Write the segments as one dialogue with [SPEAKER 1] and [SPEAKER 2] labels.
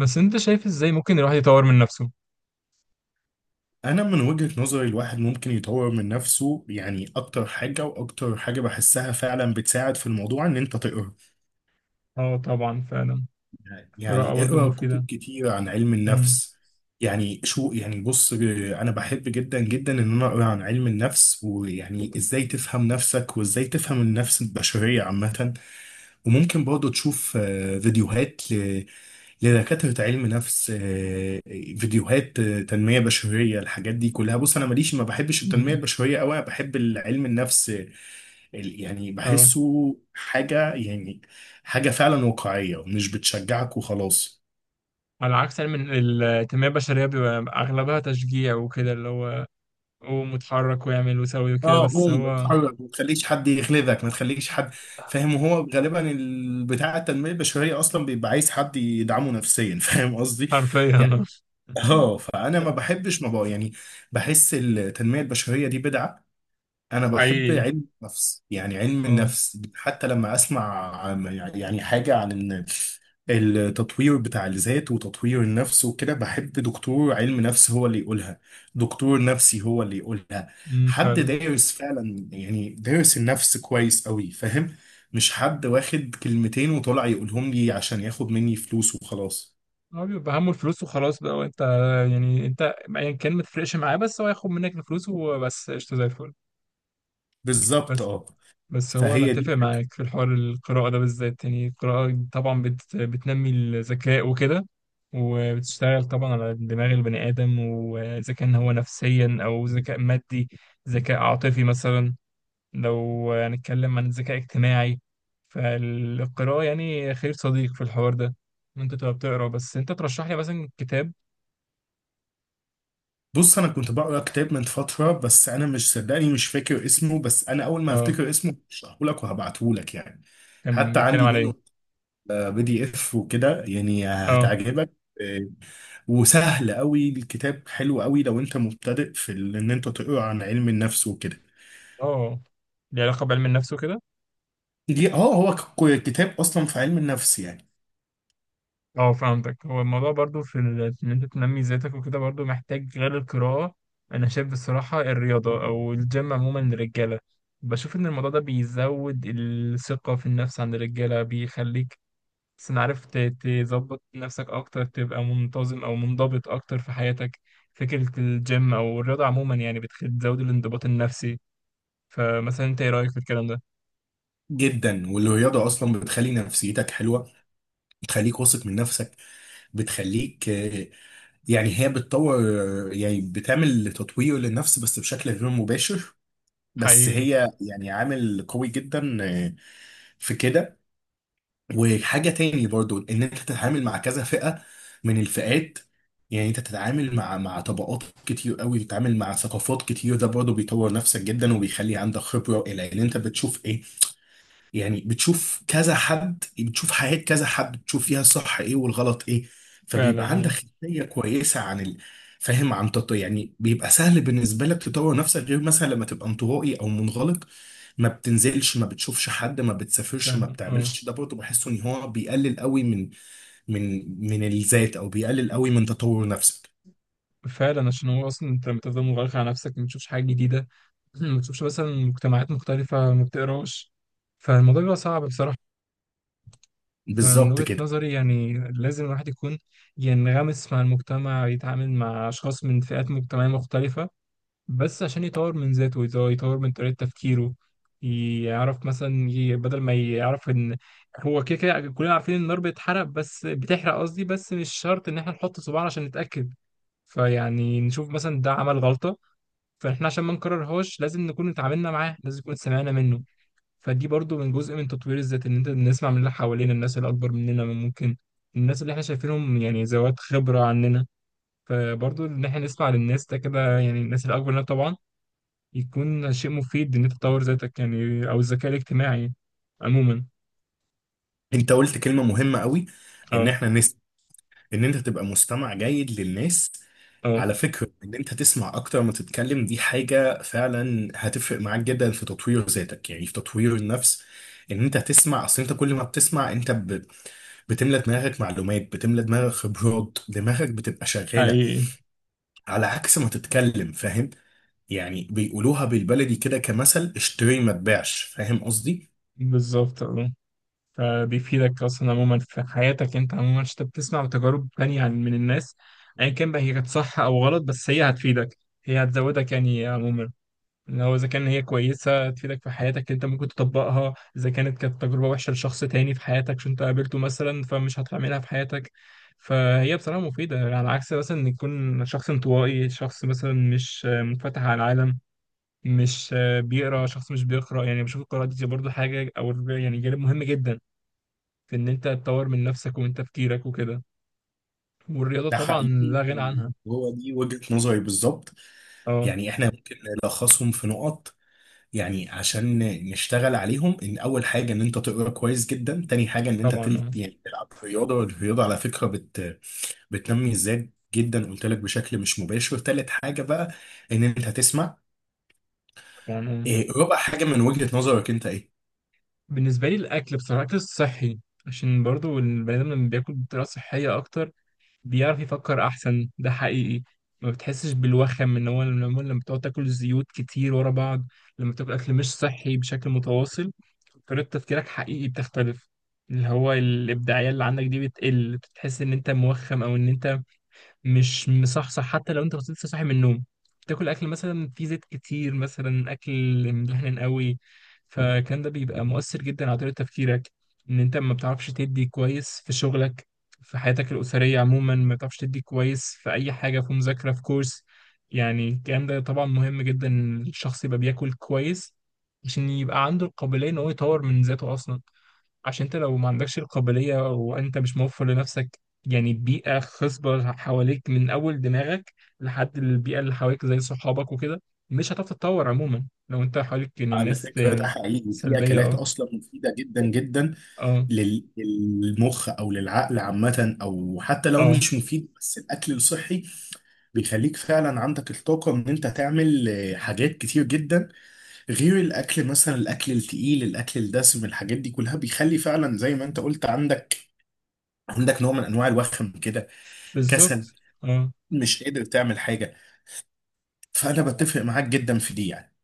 [SPEAKER 1] بس انت شايف ازاي ممكن الواحد يطور من نفسه؟
[SPEAKER 2] انا من وجهة نظري الواحد ممكن يطور من نفسه، يعني اكتر حاجة واكتر حاجة بحسها فعلا بتساعد في الموضوع ان انت تقرا.
[SPEAKER 1] اه طبعا فعلا. القراءة
[SPEAKER 2] يعني
[SPEAKER 1] برضو
[SPEAKER 2] اقرا كتب
[SPEAKER 1] مفيدة.
[SPEAKER 2] كتير عن علم
[SPEAKER 1] امم
[SPEAKER 2] النفس. يعني شو يعني، بص انا بحب جدا جدا ان انا اقرا عن علم النفس، ويعني ازاي تفهم نفسك وازاي تفهم النفس البشرية عامة. وممكن برضه تشوف فيديوهات لدكاترة علم نفس، فيديوهات تنمية بشرية. الحاجات دي كلها بص، أنا ماليش، ما بحبش التنمية
[SPEAKER 1] أمم.
[SPEAKER 2] البشرية أوي، أنا بحب العلم النفس. يعني
[SPEAKER 1] اه،
[SPEAKER 2] بحسه حاجة، يعني حاجة فعلا واقعية مش بتشجعك وخلاص.
[SPEAKER 1] على عكس علم التنمية البشرية بيبقى أغلبها تشجيع وكده، اللي هو قوم واتحرك واعمل وسوي وكده،
[SPEAKER 2] اه
[SPEAKER 1] بس
[SPEAKER 2] قوم
[SPEAKER 1] هو
[SPEAKER 2] اتحرك، ما تخليش حد يغلبك، ما تخليش حد فاهم. وهو غالبا بتاع التنمية البشرية أصلا بيبقى عايز حد يدعمه نفسيا فاهم قصدي.
[SPEAKER 1] حرفيا آه.
[SPEAKER 2] اه فانا ما بحبش، ما بقى يعني. بحس التنميه البشريه دي بدعه. انا بحب
[SPEAKER 1] حقيقي.
[SPEAKER 2] علم النفس. يعني علم
[SPEAKER 1] اه.
[SPEAKER 2] النفس حتى لما اسمع يعني حاجه عن إن التطوير بتاع الذات وتطوير النفس وكده، بحب دكتور علم نفس هو اللي يقولها، دكتور نفسي هو اللي يقولها،
[SPEAKER 1] أمم،
[SPEAKER 2] حد
[SPEAKER 1] فعلا.
[SPEAKER 2] دارس فعلا، يعني دارس النفس كويس قوي فاهم، مش حد واخد كلمتين وطلع يقولهم لي عشان ياخد مني فلوس وخلاص.
[SPEAKER 1] هو بيبقى همه الفلوس وخلاص بقى، وانت يعني ايا كان ما تفرقش معاه، بس هو ياخد منك الفلوس وبس قشطة زي الفل.
[SPEAKER 2] بالظبط
[SPEAKER 1] بس
[SPEAKER 2] اه.
[SPEAKER 1] بس هو انا
[SPEAKER 2] فهي دي
[SPEAKER 1] اتفق
[SPEAKER 2] الفكرة.
[SPEAKER 1] معاك في الحوار القراءه ده بالذات، يعني القراءه طبعا بتنمي الذكاء وكده، وبتشتغل طبعا على دماغ البني ادم، واذا كان هو نفسيا او ذكاء مادي، ذكاء عاطفي مثلا، لو هنتكلم عن الذكاء اجتماعي، فالقراءه يعني خير صديق في الحوار ده. إن انت تبقى بتقرا. بس انت ترشح لي مثلا كتاب.
[SPEAKER 2] بص انا كنت بقرا كتاب من فتره، بس انا مش، صدقني مش فاكر اسمه، بس انا اول ما
[SPEAKER 1] اه،
[SPEAKER 2] هفتكر اسمه هشرحه لك وهبعته لك يعني.
[SPEAKER 1] كان
[SPEAKER 2] حتى
[SPEAKER 1] بيتكلم
[SPEAKER 2] عندي
[SPEAKER 1] على
[SPEAKER 2] منه
[SPEAKER 1] ايه؟
[SPEAKER 2] PDF وكده، يعني
[SPEAKER 1] اه.
[SPEAKER 2] هتعجبك. آه، وسهل قوي الكتاب، حلو قوي لو انت مبتدئ في ان انت تقرا عن علم النفس وكده.
[SPEAKER 1] اه، ليه علاقه بعلم النفس وكده؟
[SPEAKER 2] دي اه، هو كتاب اصلا في علم النفس يعني.
[SPEAKER 1] اه، فهمتك. هو الموضوع برضو في ان انت تنمي ذاتك وكده برضو محتاج غير القراءة. انا شايف بصراحة الرياضة او الجيم عموما للرجالة، بشوف ان الموضوع ده بيزود الثقة في النفس عند الرجالة، بيخليك بس أنا عارف تظبط نفسك اكتر، تبقى منتظم او منضبط اكتر في حياتك. فكرة الجيم او الرياضة عموما يعني بتزود الانضباط النفسي. فمثلا انت ايه رأيك في الكلام ده؟
[SPEAKER 2] جدا، والرياضه اصلا بتخلي نفسيتك حلوه، بتخليك واثق من نفسك، بتخليك، يعني هي بتطور، يعني بتعمل تطوير للنفس بس بشكل غير مباشر، بس
[SPEAKER 1] حقيقي.
[SPEAKER 2] هي يعني عامل قوي جدا، في كده. وحاجة تاني برضو ان انت تتعامل مع كذا فئة من الفئات، يعني انت تتعامل مع طبقات كتير قوي، تتعامل مع ثقافات كتير، ده برضو بيطور نفسك جدا وبيخلي عندك خبرة الى ان انت بتشوف ايه، يعني بتشوف كذا حد، بتشوف حياة كذا حد، بتشوف فيها الصح ايه والغلط ايه،
[SPEAKER 1] فعلا،
[SPEAKER 2] فبيبقى عندك
[SPEAKER 1] اه.
[SPEAKER 2] خلفية كويسة يعني بيبقى سهل بالنسبة لك تطور نفسك، غير مثلا لما تبقى انطوائي او منغلق، ما بتنزلش، ما بتشوفش حد، ما بتسافرش، ما
[SPEAKER 1] فعلا، اه.
[SPEAKER 2] بتعملش، ده برضه بحسه ان هو بيقلل قوي من من الذات، او بيقلل قوي من تطور نفسك.
[SPEAKER 1] فعلا عشان هو اصلا انت لما تفضل مغلق على نفسك، ما تشوفش حاجه جديده، ما تشوفش مثلا مجتمعات مختلفه، ما بتقراش، فالموضوع بيبقى صعب بصراحه. فمن
[SPEAKER 2] بالظبط
[SPEAKER 1] وجهه
[SPEAKER 2] كده.
[SPEAKER 1] نظري يعني لازم الواحد يكون ينغمس مع المجتمع، يتعامل مع اشخاص من فئات مجتمعيه مختلفه، بس عشان يطور من ذاته، يطور من طريقه تفكيره. يعرف مثلا بدل ما يعرف ان هو كده كده، كلنا عارفين ان النار بتحرق، بس بتحرق قصدي، بس مش شرط ان احنا نحط صباعنا عشان نتاكد. فيعني نشوف مثلا ده عمل غلطه، فاحنا عشان ما نكررهاش لازم نكون اتعاملنا معاه، لازم نكون سمعنا منه. فدي برضو من جزء من تطوير الذات، ان انت نسمع من اللي حوالينا، الناس اللي اكبر مننا من ممكن الناس اللي احنا شايفينهم يعني ذوات خبرة عننا. فبرضو ان احنا نسمع للناس ده كده، يعني الناس اللي اكبر مننا طبعا، يكون شيء مفيد ان انت تطور ذاتك، يعني او الذكاء الاجتماعي عموما.
[SPEAKER 2] انت قلت كلمة مهمة قوي، ان
[SPEAKER 1] اه.
[SPEAKER 2] احنا ان انت تبقى مستمع جيد للناس.
[SPEAKER 1] اه.
[SPEAKER 2] على فكرة ان انت تسمع اكتر ما تتكلم دي حاجة فعلا هتفرق معاك جدا في تطوير ذاتك، يعني في تطوير النفس. ان انت تسمع، اصل انت كل ما بتسمع بتملى دماغك معلومات، بتملى دماغك خبرات، دماغك بتبقى شغالة
[SPEAKER 1] حقيقي.
[SPEAKER 2] على عكس ما تتكلم فاهم. يعني بيقولوها بالبلدي كده، كمثل اشتري ما تبيعش، فاهم قصدي.
[SPEAKER 1] بالظبط، اه. فبيفيدك اصلا عموما في حياتك انت عموما، عشان انت بتسمع تجارب تانية من الناس. ايا كان بقى هي كانت صح او غلط، بس هي هتفيدك، هي هتزودك يعني عموما. ان هو اذا كان هي كويسه تفيدك في حياتك انت ممكن تطبقها، اذا كانت تجربه وحشه لشخص تاني في حياتك عشان انت قابلته مثلا، فمش هتعملها في حياتك. فهي بصراحه مفيده، يعني على عكس مثلا ان يكون شخص انطوائي، شخص مثلا مش منفتح على العالم، مش بيقرا، شخص مش بيقرا، يعني بشوف القراءه دي برضو حاجه او يعني جانب مهم جدا في ان انت تطور من نفسك ومن تفكيرك وكده، والرياضه
[SPEAKER 2] ده
[SPEAKER 1] طبعا
[SPEAKER 2] حقيقي.
[SPEAKER 1] لا غنى عنها.
[SPEAKER 2] هو دي وجهة نظري بالظبط.
[SPEAKER 1] اه
[SPEAKER 2] يعني احنا ممكن نلخصهم في نقط، يعني عشان نشتغل عليهم، ان اول حاجه ان انت تقرا كويس جدا، تاني حاجه ان انت
[SPEAKER 1] طبعا. اه
[SPEAKER 2] يعني تلعب رياضه، والرياضه على فكره بتنمي الذات جدا، قلت لك بشكل مش مباشر. تالت حاجه بقى ان انت تسمع.
[SPEAKER 1] طبعا. اه،
[SPEAKER 2] إيه رابع حاجه من وجهه نظرك انت ايه؟
[SPEAKER 1] بالنسبه لي الاكل بصراحه، الاكل الصحي، عشان برضو البني ادم لما بياكل بطريقه صحيه اكتر بيعرف يفكر احسن، ده حقيقي. ما بتحسش بالوخم، ان هو لما بتقعد تاكل زيوت كتير ورا بعض، لما تاكل اكل مش صحي بشكل متواصل، طريقه تفكيرك حقيقي بتختلف. اللي هو الابداعيه اللي عندك دي بتقل، بتحس ان انت موخم، او ان انت مش مصحصح حتى لو انت كنت لسه صاحي من النوم، تاكل اكل مثلا فيه زيت كتير، مثلا اكل مدهن قوي. فالكلام ده بيبقى مؤثر جدا على طريقة تفكيرك، ان انت ما بتعرفش تدي كويس في شغلك، في حياتك الأسرية عموما، ما بتعرفش تدي كويس في أي حاجة، في مذاكرة، في كورس. يعني الكلام ده طبعا مهم جدا، إن الشخص يبقى بياكل كويس عشان يبقى عنده القابلية إن هو يطور من ذاته أصلا. عشان انت لو ما عندكش القابلية، وانت مش موفر لنفسك يعني بيئة خصبة حواليك، من أول دماغك لحد البيئة اللي حواليك زي صحابك وكده، مش هتعرف تتطور عموما لو انت حواليك يعني
[SPEAKER 2] على
[SPEAKER 1] الناس
[SPEAKER 2] فكرة ده
[SPEAKER 1] يعني
[SPEAKER 2] حقيقي، في
[SPEAKER 1] سلبية.
[SPEAKER 2] أكلات
[SPEAKER 1] اه.
[SPEAKER 2] أصلا مفيدة جدا جدا
[SPEAKER 1] اه.
[SPEAKER 2] للمخ أو للعقل عامة، أو حتى لو
[SPEAKER 1] اه.
[SPEAKER 2] مش مفيد بس الأكل الصحي بيخليك فعلا عندك الطاقة إن أنت تعمل حاجات كتير جدا. غير الاكل مثلا، الاكل التقيل، الاكل الدسم، الحاجات دي كلها بيخلي فعلا زي ما انت قلت عندك، عندك نوع من انواع الوخم كده، كسل،
[SPEAKER 1] بالظبط، اه.
[SPEAKER 2] مش قادر تعمل حاجه. فانا بتفق معاك جدا في دي يعني.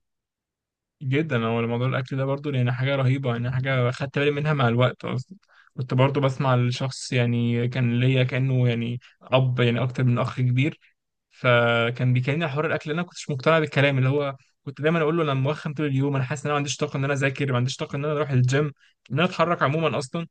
[SPEAKER 1] جدا، هو موضوع الأكل ده برضو يعني حاجة رهيبة، يعني حاجة خدت بالي منها مع الوقت أصلا. كنت برضو بسمع لشخص يعني كان ليا كأنه يعني أب، يعني أكتر من أخ كبير، فكان بيكلمني على حوار الاكل. انا ما كنتش مقتنع بالكلام اللي هو، كنت دايما اقول له انا موخم طول اليوم، انا حاسس ان انا ما عنديش طاقه ان انا اذاكر، ما عنديش طاقه ان انا اروح الجيم، ان انا اتحرك عموما اصلا.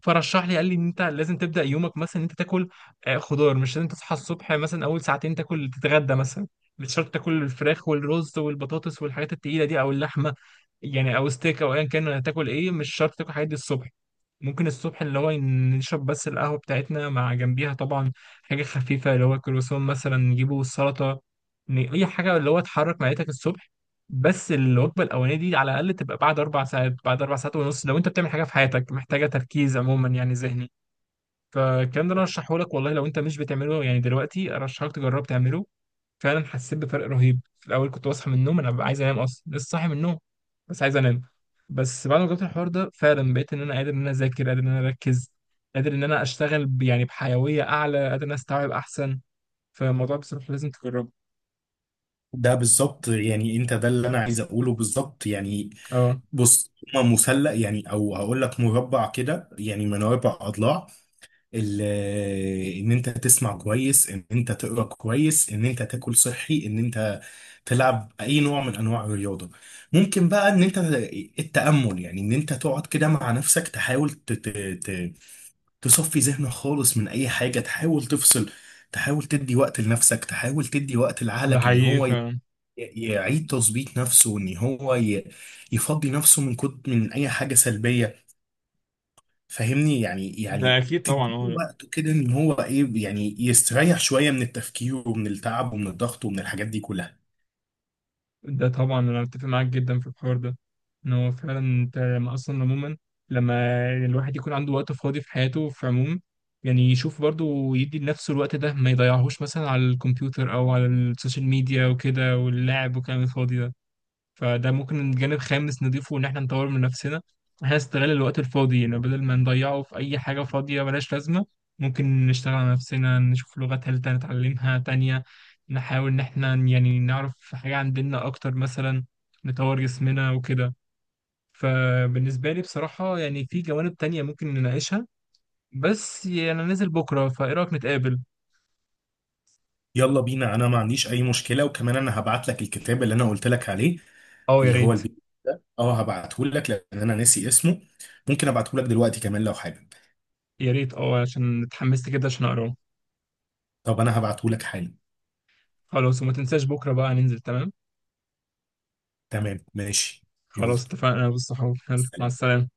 [SPEAKER 1] فرشح لي، قال لي ان انت لازم تبدا يومك مثلا ان انت تاكل خضار. مش لازم تصحى الصبح مثلا اول ساعتين تاكل، تتغدى مثلا، مش شرط تاكل الفراخ والرز والبطاطس والحاجات التقيله دي او اللحمه يعني، او ستيك، او ايا كان هتاكل ايه. مش شرط تاكل الحاجات دي الصبح. ممكن الصبح اللي هو نشرب بس القهوة بتاعتنا، مع جنبيها طبعا حاجة خفيفة، اللي هو كروسون مثلا، نجيبه السلطة، أي حاجة اللي هو تحرك معدتك الصبح. بس الوجبة الأولانية دي على الأقل تبقى بعد أربع ساعات، بعد أربع ساعات ونص لو أنت بتعمل حاجة في حياتك محتاجة تركيز عموما يعني ذهني. فالكلام ده أنا أرشحه لك والله، لو أنت مش بتعمله يعني دلوقتي أرشحك تجرب تعمله. فعلا حسيت بفرق رهيب. في الاول كنت بصحى من النوم انا ببقى عايز انام، اصلا لسه صاحي من النوم بس عايز انام. بس بعد ما جربت الحوار ده فعلا بقيت ان انا قادر ان انا اذاكر، قادر ان انا اركز، قادر ان انا اشتغل يعني بحيويه اعلى، قادر ان انا استوعب احسن. فالموضوع بصراحه لازم تجربه.
[SPEAKER 2] ده بالظبط، يعني انت ده اللي انا عايز اقوله بالظبط يعني.
[SPEAKER 1] اه.
[SPEAKER 2] بص هما مثلث، يعني او هقول لك مربع كده، يعني من اربع اضلاع. ال- ان انت تسمع كويس، ان انت تقرا كويس، ان انت تاكل صحي، ان انت تلعب اي نوع من انواع الرياضه. ممكن بقى ان انت التامل، يعني ان انت تقعد كده مع نفسك، تحاول ت- تصفي ذهنك خالص من اي حاجه، تحاول تفصل، تحاول تدي وقت لنفسك، تحاول تدي وقت
[SPEAKER 1] ده
[SPEAKER 2] لعقلك ان
[SPEAKER 1] حقيقي
[SPEAKER 2] هو
[SPEAKER 1] فعلا.
[SPEAKER 2] يعيد تظبيط نفسه، وان هو يفضي نفسه من كد من اي حاجه سلبيه، فاهمني يعني.
[SPEAKER 1] ده
[SPEAKER 2] يعني
[SPEAKER 1] اكيد
[SPEAKER 2] تديله
[SPEAKER 1] طبعا، اه.
[SPEAKER 2] وقته كده ان هو ايه، يعني يستريح شويه من التفكير ومن التعب ومن الضغط ومن الحاجات دي كلها.
[SPEAKER 1] ده طبعا انا متفق معاك جدا في الحوار ده. ان هو فعلا انت لما اصلا عموما، لما الواحد يكون عنده وقت فاضي في حياته في عموم، يعني يشوف برضه ويدي لنفسه الوقت ده، ما يضيعهوش مثلا على الكمبيوتر او على السوشيال ميديا وكده، واللعب والكلام الفاضي ده. فده ممكن جانب خامس نضيفه ان احنا نطور من نفسنا. احنا نستغل الوقت الفاضي يعني، بدل ما نضيعه في اي حاجة فاضية ملهاش لازمة، ممكن نشتغل على نفسنا، نشوف لغة تالتة نتعلمها تانية، نحاول ان احنا يعني نعرف حاجة عندنا اكتر مثلا، نطور جسمنا وكده. فبالنسبة لي بصراحة يعني في جوانب تانية ممكن نناقشها، بس يعني انا نازل بكرة، فايه رأيك نتقابل؟
[SPEAKER 2] يلا بينا، انا ما عنديش اي مشكله، وكمان انا هبعت لك الكتاب اللي انا قلت لك عليه،
[SPEAKER 1] اه يا
[SPEAKER 2] اللي هو
[SPEAKER 1] ريت.
[SPEAKER 2] البي اه هبعته لك لان انا ناسي اسمه، ممكن ابعته لك دلوقتي كمان لو حابب.
[SPEAKER 1] يا ريت، اه، عشان اتحمست كده عشان اقراه.
[SPEAKER 2] طب انا هبعته لك حالا.
[SPEAKER 1] خلاص، وما تنساش بكرة بقى ننزل، تمام؟
[SPEAKER 2] تمام ماشي. يلا،
[SPEAKER 1] خلاص اتفقنا، بص، حلو، مع
[SPEAKER 2] سلام.
[SPEAKER 1] السلامة.